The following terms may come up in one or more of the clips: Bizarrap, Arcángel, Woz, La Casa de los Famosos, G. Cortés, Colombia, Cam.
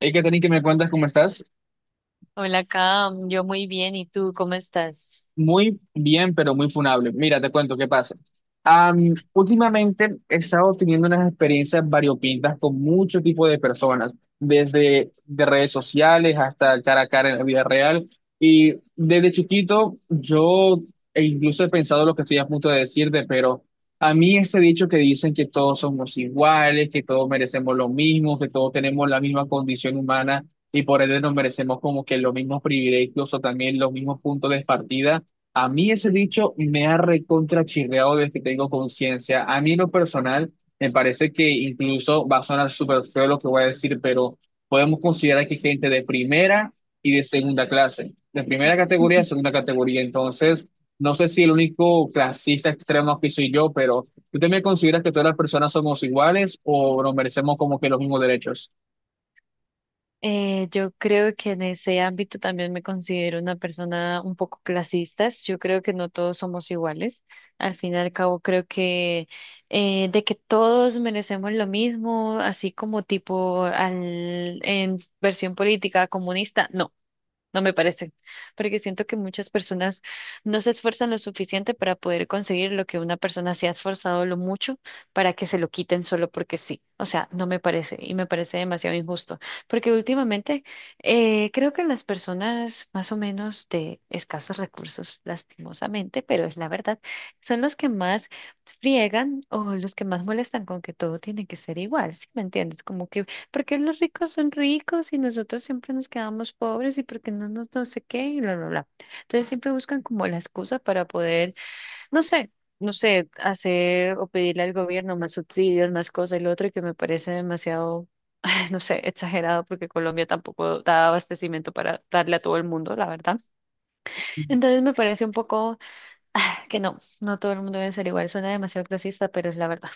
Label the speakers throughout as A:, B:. A: Hey, Katherine, que me cuentas? ¿Cómo estás?
B: Hola, Cam. Yo muy bien. ¿Y tú cómo estás?
A: Muy bien, pero muy funable. Mira, te cuento qué pasa. Últimamente he estado teniendo unas experiencias variopintas con mucho tipo de personas, desde de redes sociales hasta cara a cara en la vida real. Y desde chiquito yo e incluso he pensado lo que estoy a punto de decirte, pero a mí este dicho que dicen que todos somos iguales, que todos merecemos lo mismo, que todos tenemos la misma condición humana y por ende nos merecemos como que los mismos privilegios o también los mismos puntos de partida, a mí ese dicho me ha recontrachirreado desde que tengo conciencia. A mí en lo personal me parece, que incluso va a sonar súper feo lo que voy a decir, pero podemos considerar que hay gente de primera y de segunda clase. De primera categoría, de segunda categoría. Entonces, no sé si el único clasista extremo que soy yo, pero ¿tú también consideras que todas las personas somos iguales o nos merecemos como que los mismos derechos?
B: Yo creo que en ese ámbito también me considero una persona un poco clasista. Yo creo que no todos somos iguales. Al fin y al cabo, creo que de que todos merecemos lo mismo, así como tipo al, en versión política comunista, no. No me parece, porque siento que muchas personas no se esfuerzan lo suficiente para poder conseguir lo que una persona se ha esforzado lo mucho para que se lo quiten solo porque sí. O sea, no me parece y me parece demasiado injusto, porque últimamente creo que las personas más o menos de escasos recursos, lastimosamente, pero es la verdad, son los que más friegan o los que más molestan con que todo tiene que ser igual, ¿sí me entiendes? Como que porque los ricos son ricos y nosotros siempre nos quedamos pobres y porque no nos no sé qué y bla, bla, bla. Entonces siempre buscan como la excusa para poder, no sé, hacer o pedirle al gobierno más subsidios, más cosas y lo otro y que me parece demasiado, no sé, exagerado porque Colombia tampoco da abastecimiento para darle a todo el mundo, la verdad. Entonces me parece un poco que no, no todo el mundo debe ser igual. Suena demasiado clasista, pero es la verdad.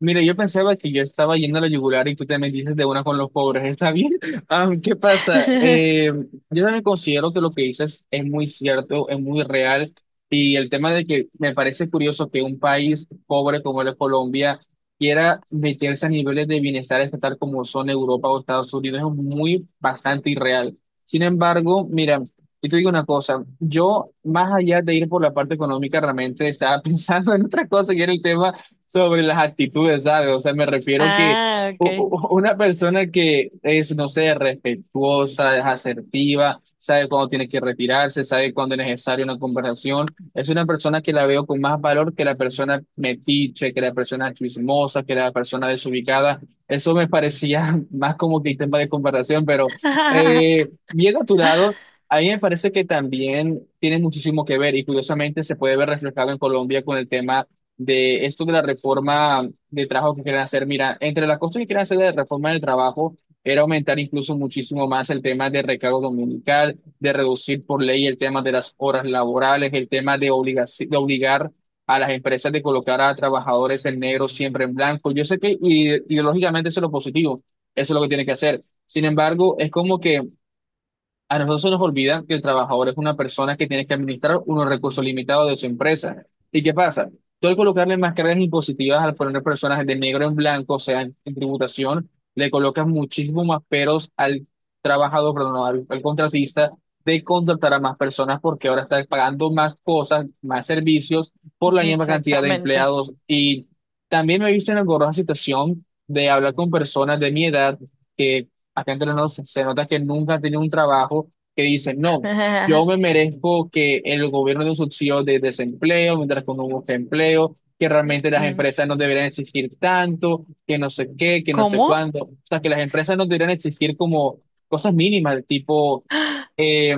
A: Mira, yo pensaba que yo estaba yendo a la yugular y tú te metiste de una con los pobres, ¿está bien? Ah, ¿qué pasa? Yo también considero que lo que dices es muy cierto, es muy real, y el tema de que me parece curioso que un país pobre como es Colombia quiera meterse a niveles de bienestar estatal como son Europa o Estados Unidos es muy bastante irreal. Sin embargo, mira, yo te digo una cosa, yo más allá de ir por la parte económica realmente estaba pensando en otra cosa que era el tema sobre las actitudes, ¿sabes? O sea, me refiero que
B: Ah,
A: u-
B: ok.
A: u- una persona que es, no sé, respetuosa, es asertiva, sabe cuándo tiene que retirarse, sabe cuándo es necesaria una conversación, es una persona que la veo con más valor que la persona metiche, que la persona chismosa, que la persona desubicada. Eso me parecía más como que tema de conversación, pero bien a tu lado. A mí me parece que también tiene muchísimo que ver y curiosamente se puede ver reflejado en Colombia con el tema de esto de la reforma de trabajo que quieren hacer. Mira, entre las cosas que quieren hacer de la reforma del trabajo era aumentar incluso muchísimo más el tema de recargo dominical, de reducir por ley el tema de las horas laborales, el tema de obligar a las empresas de colocar a trabajadores en negro siempre en blanco. Yo sé que ideológicamente eso es lo positivo, eso es lo que tiene que hacer. Sin embargo, es como que a nosotros se nos olvida que el trabajador es una persona que tiene que administrar unos recursos limitados de su empresa. ¿Y qué pasa? Tú al colocarle más cargas impositivas, al poner personas de negro en blanco, o sea, en tributación, le colocas muchísimos más peros al trabajador, perdón, no, al contratista de contratar a más personas porque ahora está pagando más cosas, más servicios por la misma cantidad de
B: Exactamente.
A: empleados. Y también me he visto en la engorrosa situación de hablar con personas de mi edad, que acá entre nos se nota que nunca han tenido un trabajo, que dicen, no, yo me merezco que el gobierno dé un subsidio de desempleo mientras que uno busca empleo, que realmente las
B: Mm,
A: empresas no deberían exigir tanto, que no sé qué, que no sé
B: ¿cómo?
A: cuándo. O sea, que las empresas no deberían exigir como cosas mínimas, tipo
B: ¡Ah!
A: eh,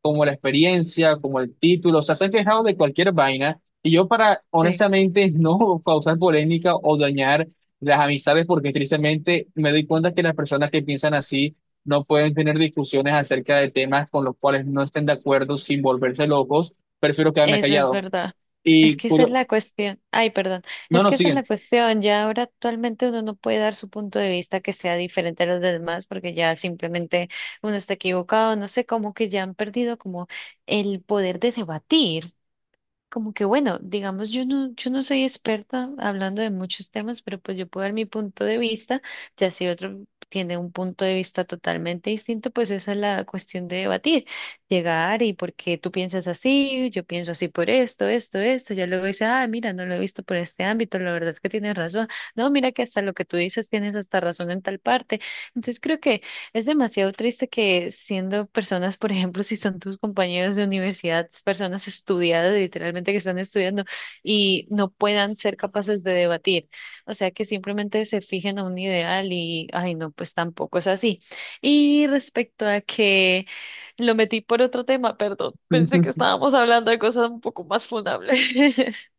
A: como la experiencia, como el título. O sea, se han quejado de cualquier vaina. Y yo, para,
B: Sí,
A: honestamente, no causar polémica o dañar las amistades, porque tristemente me doy cuenta que las personas que piensan así no pueden tener discusiones acerca de temas con los cuales no estén de acuerdo sin volverse locos. Prefiero quedarme
B: eso es
A: callado.
B: verdad. Es
A: Y
B: que esa es la cuestión. Ay, perdón.
A: no,
B: Es
A: no,
B: que esa es la
A: siguen.
B: cuestión. Ya ahora actualmente uno no puede dar su punto de vista que sea diferente a los demás porque ya simplemente uno está equivocado. No sé, como que ya han perdido como el poder de debatir. Como que bueno, digamos, yo no soy experta hablando de muchos temas, pero pues yo puedo dar mi punto de vista, ya si otro tiene un punto de vista totalmente distinto, pues esa es la cuestión de debatir, llegar y por qué tú piensas así, yo pienso así por esto, esto, esto, ya luego dice, ah, mira, no lo he visto por este ámbito, la verdad es que tienes razón, no, mira que hasta lo que tú dices tienes hasta razón en tal parte, entonces creo que es demasiado triste que siendo personas, por ejemplo, si son tus compañeros de universidad, personas estudiadas, literalmente que están estudiando y no puedan ser capaces de debatir. O sea, que simplemente se fijen a un ideal y, ay, no, pues tampoco es así. Y respecto a que lo metí por otro tema, perdón, pensé que estábamos hablando de cosas un poco más fundables. Eso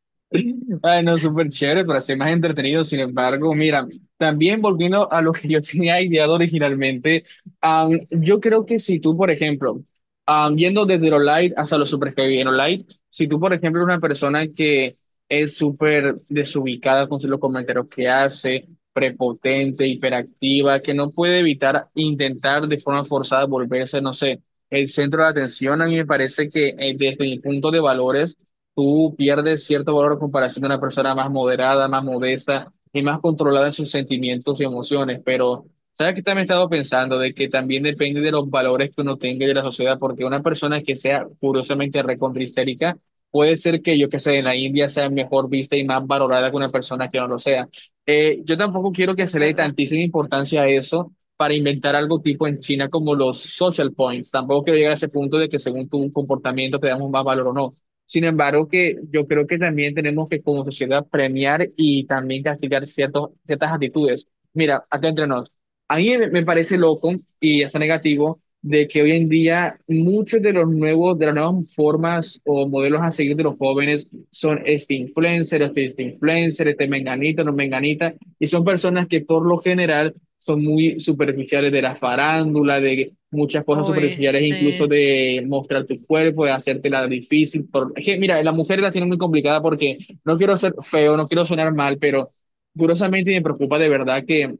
A: Bueno, súper chévere, pero así más entretenido. Sin embargo, mira, también volviendo a lo que yo tenía ideado originalmente, yo creo que si tú, por ejemplo, yendo desde lo light hasta lo super heavy, en lo light, si tú, por ejemplo, eres una persona que es súper desubicada con los comentarios que hace, prepotente, hiperactiva, que no puede evitar intentar de forma forzada volverse, no sé, el centro de atención, a mí me parece que desde mi punto de valores, tú pierdes cierto valor en comparación a una persona más moderada, más modesta y más controlada en sus sentimientos y emociones. Pero, ¿sabes qué también he estado pensando? De que también depende de los valores que uno tenga y de la sociedad, porque una persona que sea curiosamente recontrahistérica puede ser que, yo que sé, en la India sea mejor vista y más valorada que una persona que no lo sea. Yo tampoco quiero que
B: es
A: se le dé
B: verdad.
A: tantísima importancia a eso, para inventar algo tipo en China como los social points. Tampoco quiero llegar a ese punto de que según tu comportamiento te damos más valor o no. Sin embargo, que yo creo que también tenemos que como sociedad premiar y también castigar ciertas actitudes. Mira, acá entre nos, a mí me parece loco y hasta negativo de que hoy en día muchos de los nuevos, de las nuevas formas o modelos a seguir de los jóvenes son este influencer, este influencer, este menganito, no menganita, y son personas que por lo general son muy superficiales, de la farándula, de muchas cosas
B: Uy,
A: superficiales, incluso
B: este,
A: de mostrar tu cuerpo, de hacértela difícil. Por... Es que, mira, las mujeres la tienen muy complicada porque no quiero ser feo, no quiero sonar mal, pero curiosamente me preocupa de verdad que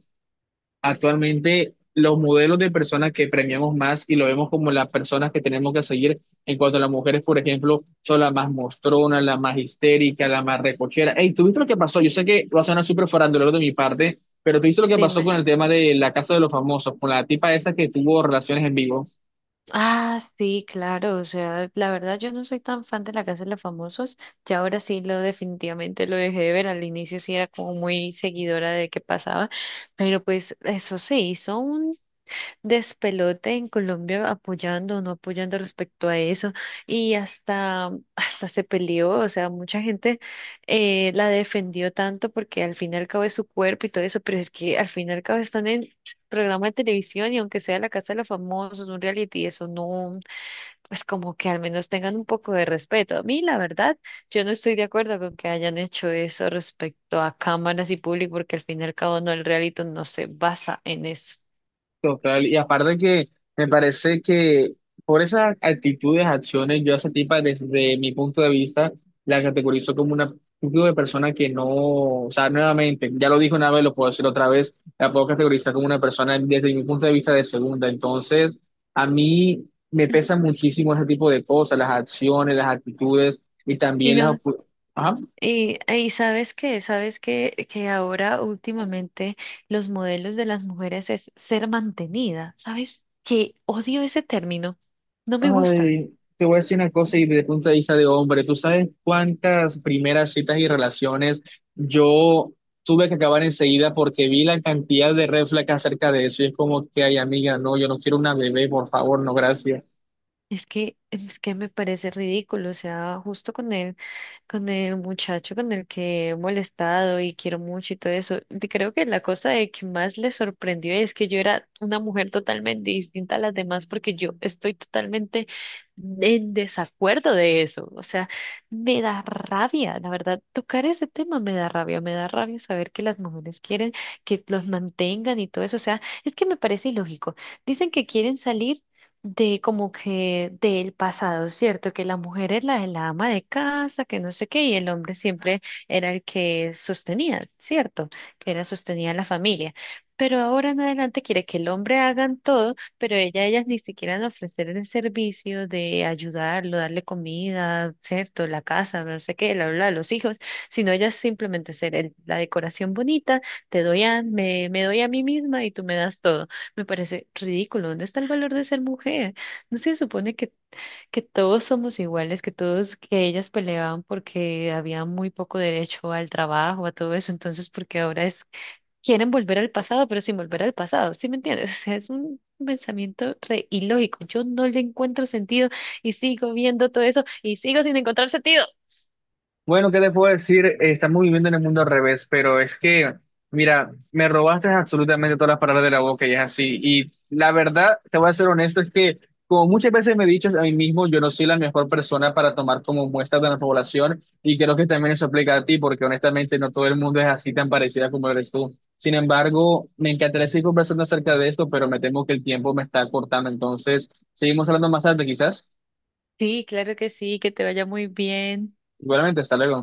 A: actualmente los modelos de personas que premiamos más y lo vemos como las personas que tenemos que seguir en cuanto a las mujeres, por ejemplo, son las más mostronas, las más histéricas, las más recochera. Hey, ¿tú viste lo que pasó? Yo sé que va a sonar súper farandulero de mi parte, pero ¿tú viste lo que pasó
B: dime.
A: con el tema de la Casa de los Famosos, con la tipa esta que tuvo relaciones en vivo?
B: Ah, sí, claro, o sea, la verdad yo no soy tan fan de La Casa de los Famosos, ya ahora sí lo definitivamente lo dejé de ver, al inicio sí era como muy seguidora de qué pasaba, pero pues eso se hizo despelote en Colombia apoyando o no apoyando respecto a eso y hasta, mm, hasta se peleó, o sea, mucha gente la defendió tanto porque al fin y al cabo es su cuerpo y todo eso, pero es que al fin y al cabo están en programa de televisión y aunque sea la casa de los famosos, un reality, eso no, pues como que al menos tengan un poco de respeto. A mí, la verdad, yo no estoy de acuerdo con que hayan hecho eso respecto a cámaras y público porque al fin y al cabo no, el reality no se basa en eso.
A: Total, y aparte que me parece que por esas actitudes, acciones, yo a esa tipa desde mi punto de vista la categorizo como una tipo de persona que no, o sea, nuevamente, ya lo dije una vez, lo puedo decir otra vez, la puedo categorizar como una persona desde mi punto de vista de segunda. Entonces, a mí me pesan muchísimo ese tipo de cosas, las acciones, las actitudes y
B: Y
A: también las...
B: no.
A: opu- Ajá.
B: Y sabes que ahora últimamente los modelos de las mujeres es ser mantenida. ¿Sabes qué? Odio ese término. No me gusta.
A: Ay, te voy a decir una cosa y de punto de vista de hombre, ¿tú sabes cuántas primeras citas y relaciones yo tuve que acabar enseguida porque vi la cantidad de red flags acerca de eso? Y es como que, ay, amiga, no, yo no quiero una bebé, por favor, no, gracias.
B: Es que me parece ridículo, o sea, con el muchacho con el que he molestado y quiero mucho y todo eso, y creo que la cosa de que más le sorprendió es que yo era una mujer totalmente distinta a las demás porque yo estoy totalmente en desacuerdo de eso, o sea, me da rabia, la verdad, tocar ese tema me da rabia saber que las mujeres quieren que los mantengan y todo eso, o sea, es que me parece ilógico. Dicen que quieren salir de como que del pasado, ¿cierto? Que la mujer es la ama de casa, que no sé qué, y el hombre siempre era el que sostenía, ¿cierto? Que era sostenía la familia. Pero ahora en adelante quiere que el hombre hagan todo, pero ella, ellas ni siquiera han ofrecer el servicio de ayudarlo, darle comida, ¿cierto? La casa, no sé qué, la, bla, los hijos, sino ellas simplemente ser el- la decoración bonita, te doy a, me doy a mí misma y tú me das todo. Me parece ridículo. ¿Dónde está el valor de ser mujer? ¿No se supone que todos somos iguales, que todos, que ellas peleaban porque había muy poco derecho al trabajo, a todo eso? Entonces, porque ahora es, quieren volver al pasado, pero sin volver al pasado. ¿Sí me entiendes? O sea, es un pensamiento re ilógico. Yo no le encuentro sentido y sigo viendo todo eso y sigo sin encontrar sentido.
A: Bueno, ¿qué te puedo decir? Estamos viviendo en el mundo al revés, pero es que, mira, me robaste absolutamente todas las palabras de la boca y es así. Y la verdad, te voy a ser honesto, es que como muchas veces me he dicho a mí mismo, yo no soy la mejor persona para tomar como muestra de la población y creo que también eso aplica a ti, porque honestamente no todo el mundo es así tan parecida como eres tú. Sin embargo, me encantaría seguir conversando acerca de esto, pero me temo que el tiempo me está cortando. Entonces, seguimos hablando más tarde, quizás.
B: Sí, claro que sí, que te vaya muy bien.
A: Igualmente, hasta luego.